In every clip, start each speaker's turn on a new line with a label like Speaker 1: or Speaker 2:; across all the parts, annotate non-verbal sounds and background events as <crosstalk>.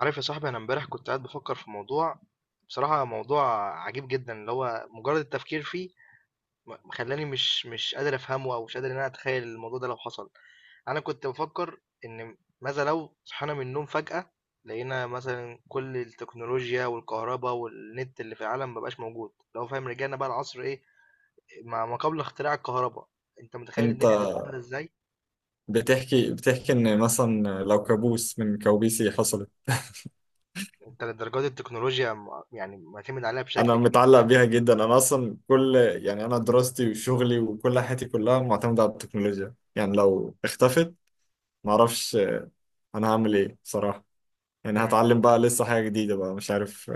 Speaker 1: عارف يا صاحبي، انا امبارح كنت قاعد بفكر في موضوع. بصراحة موضوع عجيب جدا، اللي هو مجرد التفكير فيه خلاني مش قادر افهمه، او مش قادر ان انا اتخيل الموضوع ده لو حصل. انا كنت بفكر ان ماذا لو صحينا من النوم فجأة لقينا مثلا كل التكنولوجيا والكهرباء والنت اللي في العالم مبقاش موجود، لو فاهم، رجعنا بقى العصر ايه، ما قبل اختراع الكهرباء. انت متخيل
Speaker 2: انت
Speaker 1: الدنيا هتبقى عاملة ازاي؟
Speaker 2: بتحكي ان مثلا لو كابوس من كوابيسي حصلت.
Speaker 1: انت لدرجات التكنولوجيا يعني معتمد عليها
Speaker 2: انا
Speaker 1: بشكل كبير في
Speaker 2: متعلق بيها جدا، انا اصلا كل يعني انا دراستي وشغلي وكل حياتي كلها معتمدة على التكنولوجيا، يعني لو اختفت معرفش انا هعمل ايه صراحة. يعني
Speaker 1: حياتنا.
Speaker 2: هتعلم بقى لسه حاجة جديدة بقى، مش عارف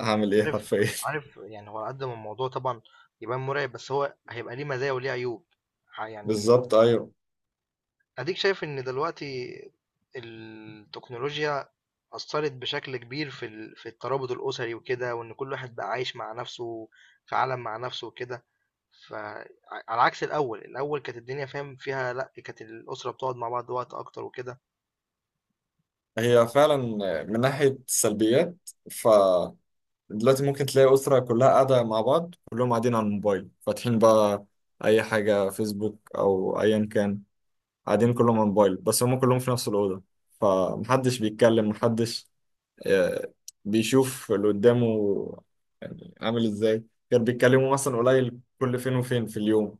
Speaker 2: هعمل ايه
Speaker 1: عارف
Speaker 2: حرفيا.
Speaker 1: عارف يعني هو على قد ما الموضوع طبعا يبان مرعب، بس هو هيبقى ليه مزايا وليه عيوب.
Speaker 2: <laughs>
Speaker 1: يعني
Speaker 2: بالظبط ايوه.
Speaker 1: اديك شايف ان دلوقتي التكنولوجيا أثرت بشكل كبير في في الترابط الأسري وكده، وإن كل واحد بقى عايش مع نفسه في عالم مع نفسه وكده. فعلى عكس الأول كانت الدنيا فاهم فيها، لأ كانت الأسرة بتقعد مع بعض وقت أكتر وكده.
Speaker 2: هي فعلا من ناحية السلبيات، ف دلوقتي ممكن تلاقي أسرة كلها قاعدة مع بعض، كلهم قاعدين على الموبايل فاتحين بقى أي حاجة، فيسبوك أو أيا كان، قاعدين كلهم على الموبايل بس هم كلهم في نفس الأوضة، فمحدش بيتكلم، محدش آه، بيشوف اللي قدامه، يعني عامل إزاي. كانوا بيتكلموا مثلا قليل كل فين وفين في اليوم،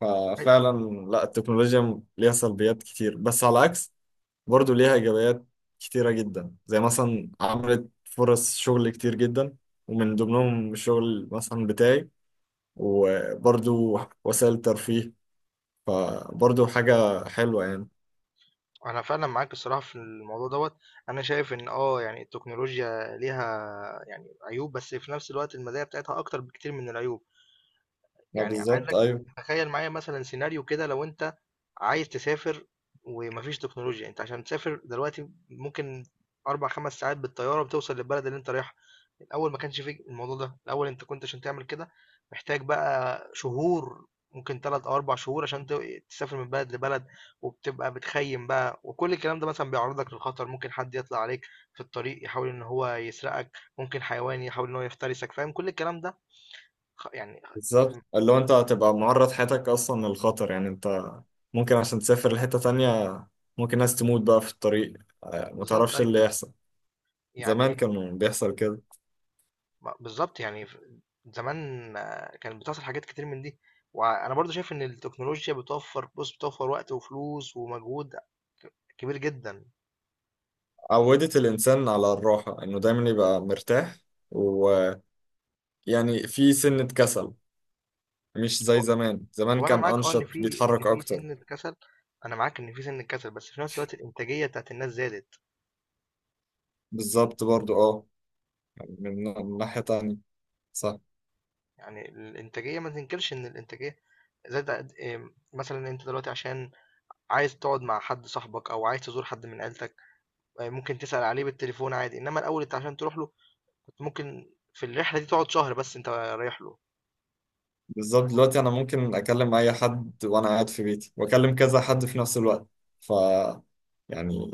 Speaker 2: ففعلا لا التكنولوجيا ليها سلبيات كتير، بس على عكس برضو ليها إيجابيات كتيرة جدا، زي مثلا عملت فرص شغل كتير جدا ومن ضمنهم الشغل مثلا بتاعي، وبرضو وسائل ترفيه، فبرضو حاجة حلوة يعني.
Speaker 1: أنا فعلًا معاك الصراحة في الموضوع دوّة. أنا شايف إن يعني التكنولوجيا ليها يعني عيوب، بس في نفس الوقت المزايا بتاعتها أكتر بكتير من العيوب.
Speaker 2: ما
Speaker 1: يعني
Speaker 2: بالظبط
Speaker 1: عايزك
Speaker 2: أيوه.
Speaker 1: تخيل معايا مثلا سيناريو كده، لو انت عايز تسافر ومفيش تكنولوجيا، انت عشان تسافر دلوقتي ممكن اربع خمس ساعات بالطيارة بتوصل للبلد اللي انت رايحها. الاول ما كانش فيه الموضوع ده، الاول انت كنت عشان تعمل كده محتاج بقى شهور، ممكن ثلاث او اربع شهور عشان تسافر من بلد لبلد. وبتبقى بتخيم بقى، وكل الكلام ده مثلا بيعرضك للخطر، ممكن حد يطلع عليك في الطريق يحاول ان هو يسرقك، ممكن حيوان يحاول ان هو يفترسك، فاهم كل الكلام ده. يعني
Speaker 2: بالظبط، اللي هو أنت هتبقى معرض حياتك أصلا للخطر، يعني أنت ممكن عشان تسافر لحتة تانية ممكن ناس تموت بقى في الطريق. آه،
Speaker 1: بالضبط
Speaker 2: متعرفش
Speaker 1: أيوه.
Speaker 2: اللي يحصل. زمان
Speaker 1: يعني
Speaker 2: كان بيحصل كده.
Speaker 1: بالضبط يعني، ف زمان كانت بتحصل حاجات كتير من دي، وأنا برضه شايف إن التكنولوجيا بتوفّر وقت وفلوس ومجهود كبير جدًا.
Speaker 2: عودت الإنسان على الراحة، إنه دايما يبقى مرتاح و... يعني في سنة كسل، مش زي
Speaker 1: هو
Speaker 2: زمان، زمان
Speaker 1: هو أنا
Speaker 2: كان
Speaker 1: معاك إن
Speaker 2: أنشط، بيتحرك
Speaker 1: في
Speaker 2: أكتر.
Speaker 1: سِنّة كسل. أنا معاك إن في سِنّة كسل، بس في نفس الوقت الإنتاجية بتاعة الناس زادت.
Speaker 2: بالظبط برضو يعني من ناحية تانية، صح.
Speaker 1: يعني الإنتاجية ما تنكرش إن الإنتاجية زادت قد مثلًا أنت دلوقتي عشان عايز تقعد مع حد صاحبك أو عايز تزور حد من عيلتك، ممكن تسأل عليه بالتليفون عادي، إنّما الأول أنت عشان تروح له ممكن في الرحلة دي تقعد شهر بس أنت رايح له.
Speaker 2: بالظبط، دلوقتي أنا ممكن أكلم أي حد وأنا قاعد في بيتي وأكلم كذا حد في نفس الوقت، ف يعني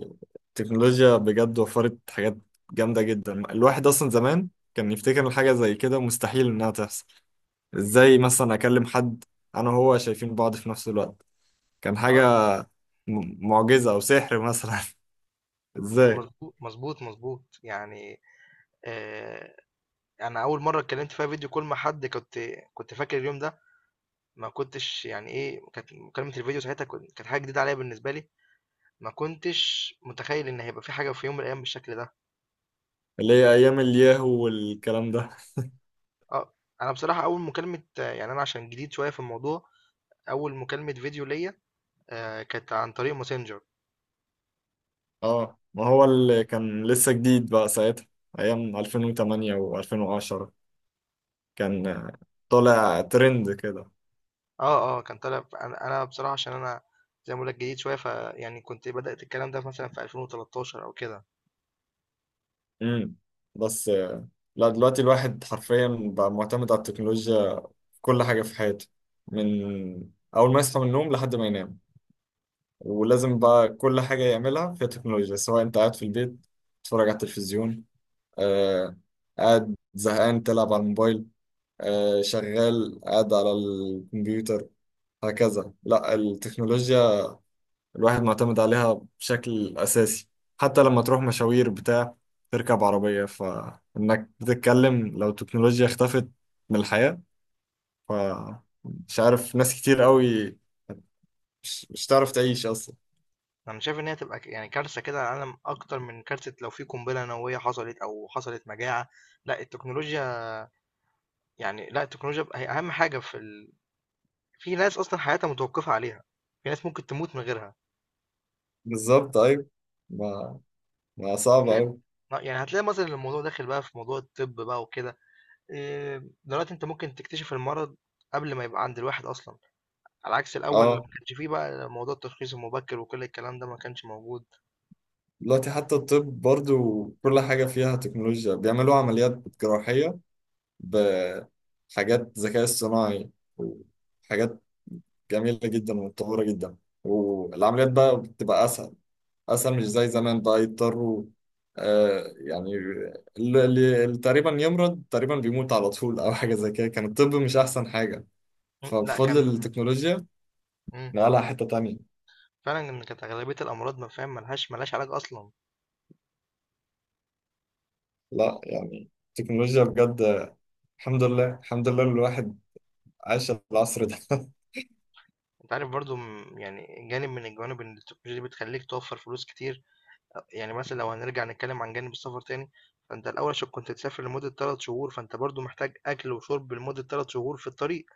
Speaker 2: التكنولوجيا بجد وفرت حاجات جامدة جدا. الواحد أصلا زمان كان يفتكر إن حاجة زي كده مستحيل إنها تحصل، إزاي مثلا أكلم حد أنا وهو شايفين بعض في نفس الوقت، كان حاجة
Speaker 1: اه
Speaker 2: معجزة أو سحر مثلا. <laughs> إزاي.
Speaker 1: مظبوط مظبوط مظبوط يعني. آه انا اول مره اتكلمت فيها فيديو كول مع حد، كنت فاكر اليوم ده. ما كنتش يعني ايه كانت مكالمه الفيديو ساعتها، كانت حاجه جديده عليا بالنسبه لي. ما كنتش متخيل ان هيبقى في حاجه في يوم من الايام بالشكل ده.
Speaker 2: اللي هي ايام الياهو والكلام ده.
Speaker 1: اه انا بصراحه اول مكالمه، يعني انا عشان جديد شويه في الموضوع، اول مكالمه فيديو ليا كانت عن طريق ماسنجر.
Speaker 2: اه، ما هو اللي كان لسه جديد بقى ساعتها، ايام 2008 و2010، كان طالع ترند كده.
Speaker 1: آه، آه، كان طالع، ف أنا بصراحة عشان أنا زي ما باقول لك جديد شوية، فيعني كنت بدأت الكلام ده مثلًا في 2013 أو كده.
Speaker 2: امم بس لا دلوقتي الواحد حرفيا بقى معتمد على التكنولوجيا في كل حاجة في حياته، من اول ما يصحى من النوم لحد ما ينام. ولازم بقى كل حاجة يعملها فيها تكنولوجيا، سواء انت قاعد في البيت تتفرج على التلفزيون، آه قاعد زهقان تلعب على الموبايل، شغال قاعد على الكمبيوتر، هكذا. لا التكنولوجيا الواحد معتمد عليها بشكل أساسي، حتى لما تروح مشاوير بتاع تركب عربية فإنك بتتكلم. لو التكنولوجيا اختفت من الحياة، فمش عارف، ناس كتير قوي مش تعرف تعيش أصلا.
Speaker 1: أنا شايف إن هي تبقى يعني كارثة كده على العالم، أكتر من كارثة لو في قنبلة نووية حصلت أو حصلت مجاعة. لأ التكنولوجيا، يعني لأ التكنولوجيا بقى هي أهم حاجة في في ناس أصلًا حياتها متوقفة عليها، في ناس ممكن تموت من غيرها.
Speaker 2: بالظبط أيوة. ما, ما صعب
Speaker 1: هتلاقي
Speaker 2: أوي.
Speaker 1: يعني هتلاقي مثلًا الموضوع داخل بقى في موضوع الطب بقى وكده. دلوقتي أنت ممكن تكتشف المرض قبل ما يبقى عند الواحد أصلًا. على عكس الأول اللي ما
Speaker 2: اه،
Speaker 1: كانش فيه بقى موضوع التشخيص المبكر، وكل الكلام ده ما كانش موجود.
Speaker 2: دلوقتي حتى الطب برضو كل حاجة فيها تكنولوجيا، بيعملوا عمليات جراحية بحاجات ذكاء اصطناعي وحاجات جميلة جدا ومتطورة جدا، والعمليات بقى بتبقى أسهل أسهل، مش زي زمان بقى يضطروا. يعني اللي اللي تقريبا يمرض تقريبا بيموت على طول أو حاجة زي كده، كان الطب مش أحسن حاجة،
Speaker 1: مم، لأ
Speaker 2: فبفضل
Speaker 1: كان.
Speaker 2: التكنولوجيا
Speaker 1: إمم،
Speaker 2: نقلها حتة تانية.
Speaker 1: فعلًا إن كانت أغلبية الأمراض، ما فاهم، ما لهاش علاج أصلًا.
Speaker 2: لا يعني التكنولوجيا بجد، الحمد لله الحمد لله الواحد عاش العصر ده.
Speaker 1: أنت عارف برضه يعني جانب من الجوانب إن التكنولوجيا دي بتخلّيك توفّر فلوس كتير. يعني مثلًا لو هنرجع نتكلم عن جانب السفر تاني، فأنت الأول عشان كنت تسافر لمدة 3 شهور، فأنت برضه محتاج أكل وشرب لمدة 3 شهور في الطريق.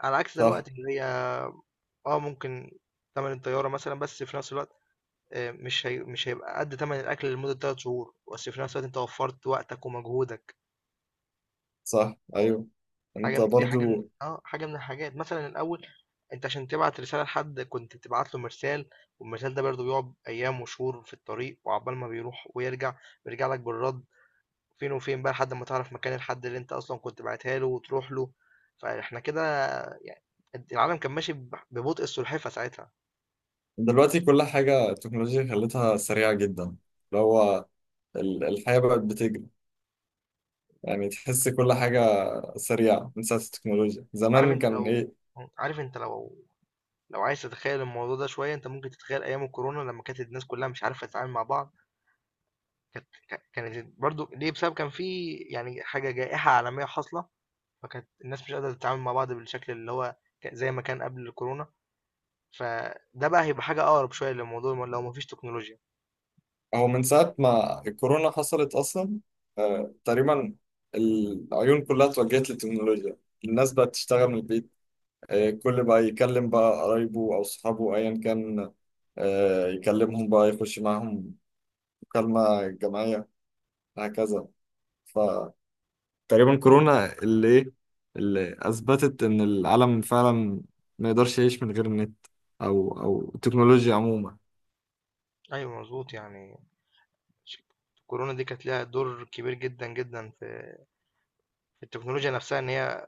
Speaker 1: على عكس
Speaker 2: <laughs> صح.
Speaker 1: دلوقتي اللي هي ممكن تمن الطيارة مثلًا، بس في نفس الوقت مش هيبقى قد تمن الاكل لمده 3 شهور، بس في نفس الوقت انت وفرت وقتك ومجهودك.
Speaker 2: صح أيوه.
Speaker 1: حاجه
Speaker 2: انت
Speaker 1: من- دي حاجه من...
Speaker 2: برضو
Speaker 1: اه حاجه من الحاجات، مثلا الاول انت عشان تبعت رساله لحد كنت بتبعت له مرسال، والمرسال ده برضه بيقعد ايام وشهور في الطريق، وعقبال ما بيروح ويرجع بيرجع لك بالرد، فين وفين بقى لحد ما تعرف مكان الحد اللي انت اصلا كنت بعتها له وتروح له. فاحنا كده يعني العالم كان ماشي ببطء السلحفه ساعتها.
Speaker 2: دلوقتي كل حاجة التكنولوجيا خلتها سريعة جدا، اللي هو الحياة بقت بتجري، يعني تحس كل حاجة سريعة من ساعة التكنولوجيا.
Speaker 1: عارف
Speaker 2: زمان
Speaker 1: انت
Speaker 2: كان
Speaker 1: لو
Speaker 2: إيه.
Speaker 1: عارف انت، لو عايز تتخيل الموضوع ده شوية، انت ممكن تتخيل ايام الكورونا لما كانت الناس كلها مش عارفة تتعامل مع بعض. كانت برضو ليه، بسبب كان في يعني حاجة جائحة عالمية حاصلة، فكانت الناس مش قادرة تتعامل مع بعض بالشكل اللي هو، زي ما كان قبل الكورونا. فده بقى هيبقى حاجة اقرب شوية للموضوع لو مفيش تكنولوجيا.
Speaker 2: هو من ساعة ما الكورونا حصلت أصلا، تقريبا العيون كلها اتوجهت للتكنولوجيا، الناس بقت تشتغل من البيت، كل بقى يكلم بقى قرايبه أو صحابه أيا كان، يكلمهم بقى يخش معاهم مكالمة جماعية، هكذا. تقريبا كورونا اللي ايه اللي اثبتت ان العالم فعلا ما يقدرش يعيش من غير النت او التكنولوجيا عموما.
Speaker 1: ايوه مظبوط يعني. ش- الكورونا دي كانت لها دور كبير جدا جدا في التكنولوجيا نفسها، ان هي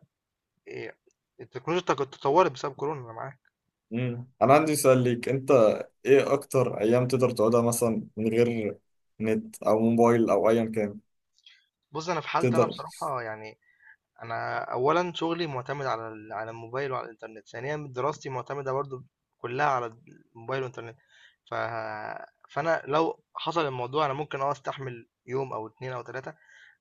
Speaker 1: إيه، التكنولوجيا تطورت بسبب كورونا، انا معاك.
Speaker 2: مم. انا عندي سؤال ليك انت، ايه اكتر ايام تقدر تقعدها مثلا من غير نت او موبايل او ايا كان؟
Speaker 1: بُص، أنا في حالتي أنا
Speaker 2: تقدر؟
Speaker 1: بصراحة يعني، أنا أولًا شغلي معتمد على على الموبايل وعلى الإنترنت، ثانيًا دراستي معتمدة برضه كلّها على الموبايل والإنترنت. ف فأنا لو حصل الموضوع أنا ممكن أستحمل يوم أو 2 أو 3،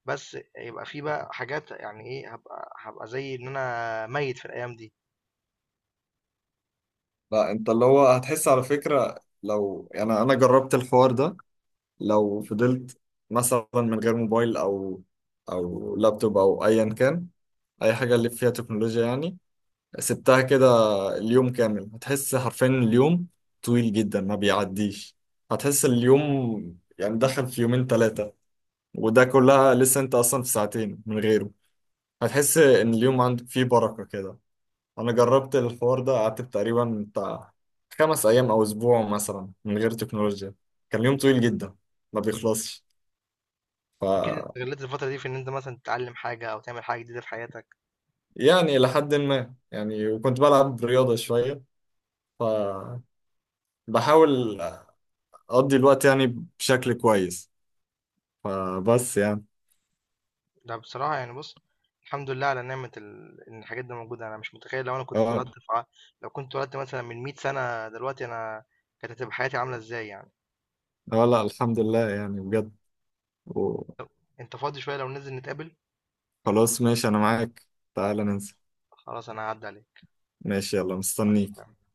Speaker 1: بس يبقى في بقى حاجات يعني هابقى زي إن أنا ميّت في الأيام دي.
Speaker 2: لا انت اللي هو هتحس على فكرة، لو يعني انا جربت الحوار ده، لو فضلت مثلا من غير موبايل او لابتوب او ايا كان، اي حاجة اللي فيها تكنولوجيا يعني، سبتها كده اليوم كامل، هتحس حرفيا اليوم طويل جدا ما بيعديش. هتحس اليوم يعني دخل في يومين ثلاثة، وده كلها لسه انت اصلا في ساعتين من غيره، هتحس ان اليوم عندك فيه بركة كده. انا جربت الحوار ده، قعدت تقريبا بتاع 5 ايام او اسبوع مثلا من غير تكنولوجيا، كان يوم طويل جدا ما بيخلصش. ف
Speaker 1: أكيد استغلّيت الفترة دي في إن أنت مثلًا تتعلّم حاجة أو تعمل حاجة جديدة في حياتك.
Speaker 2: يعني لحد ما يعني، وكنت بلعب رياضة شوية، ف بحاول اقضي الوقت يعني بشكل كويس، فبس يعني.
Speaker 1: لأ بصراحة يعني، بُص، الحمد لله على نعمة إن الحاجات دي موجودة، أنا مش متخيّل لو أنا كنت اتولدت
Speaker 2: اه
Speaker 1: في ع لو كنت اتولدت مثلًا من 100 سَنة، دلوقتي أنا كانت هتبقى حياتي عاملة إزاي يعني.
Speaker 2: اه لا الحمد لله يعني بجد، وخلاص.
Speaker 1: أنت فاضي شوية لو ننزل نتقابل؟
Speaker 2: ماشي انا معاك، تعال ننسى.
Speaker 1: خلاص أنا هاعدّي عليك.
Speaker 2: ماشي، يلا
Speaker 1: مع
Speaker 2: مستنيك.
Speaker 1: السلامة.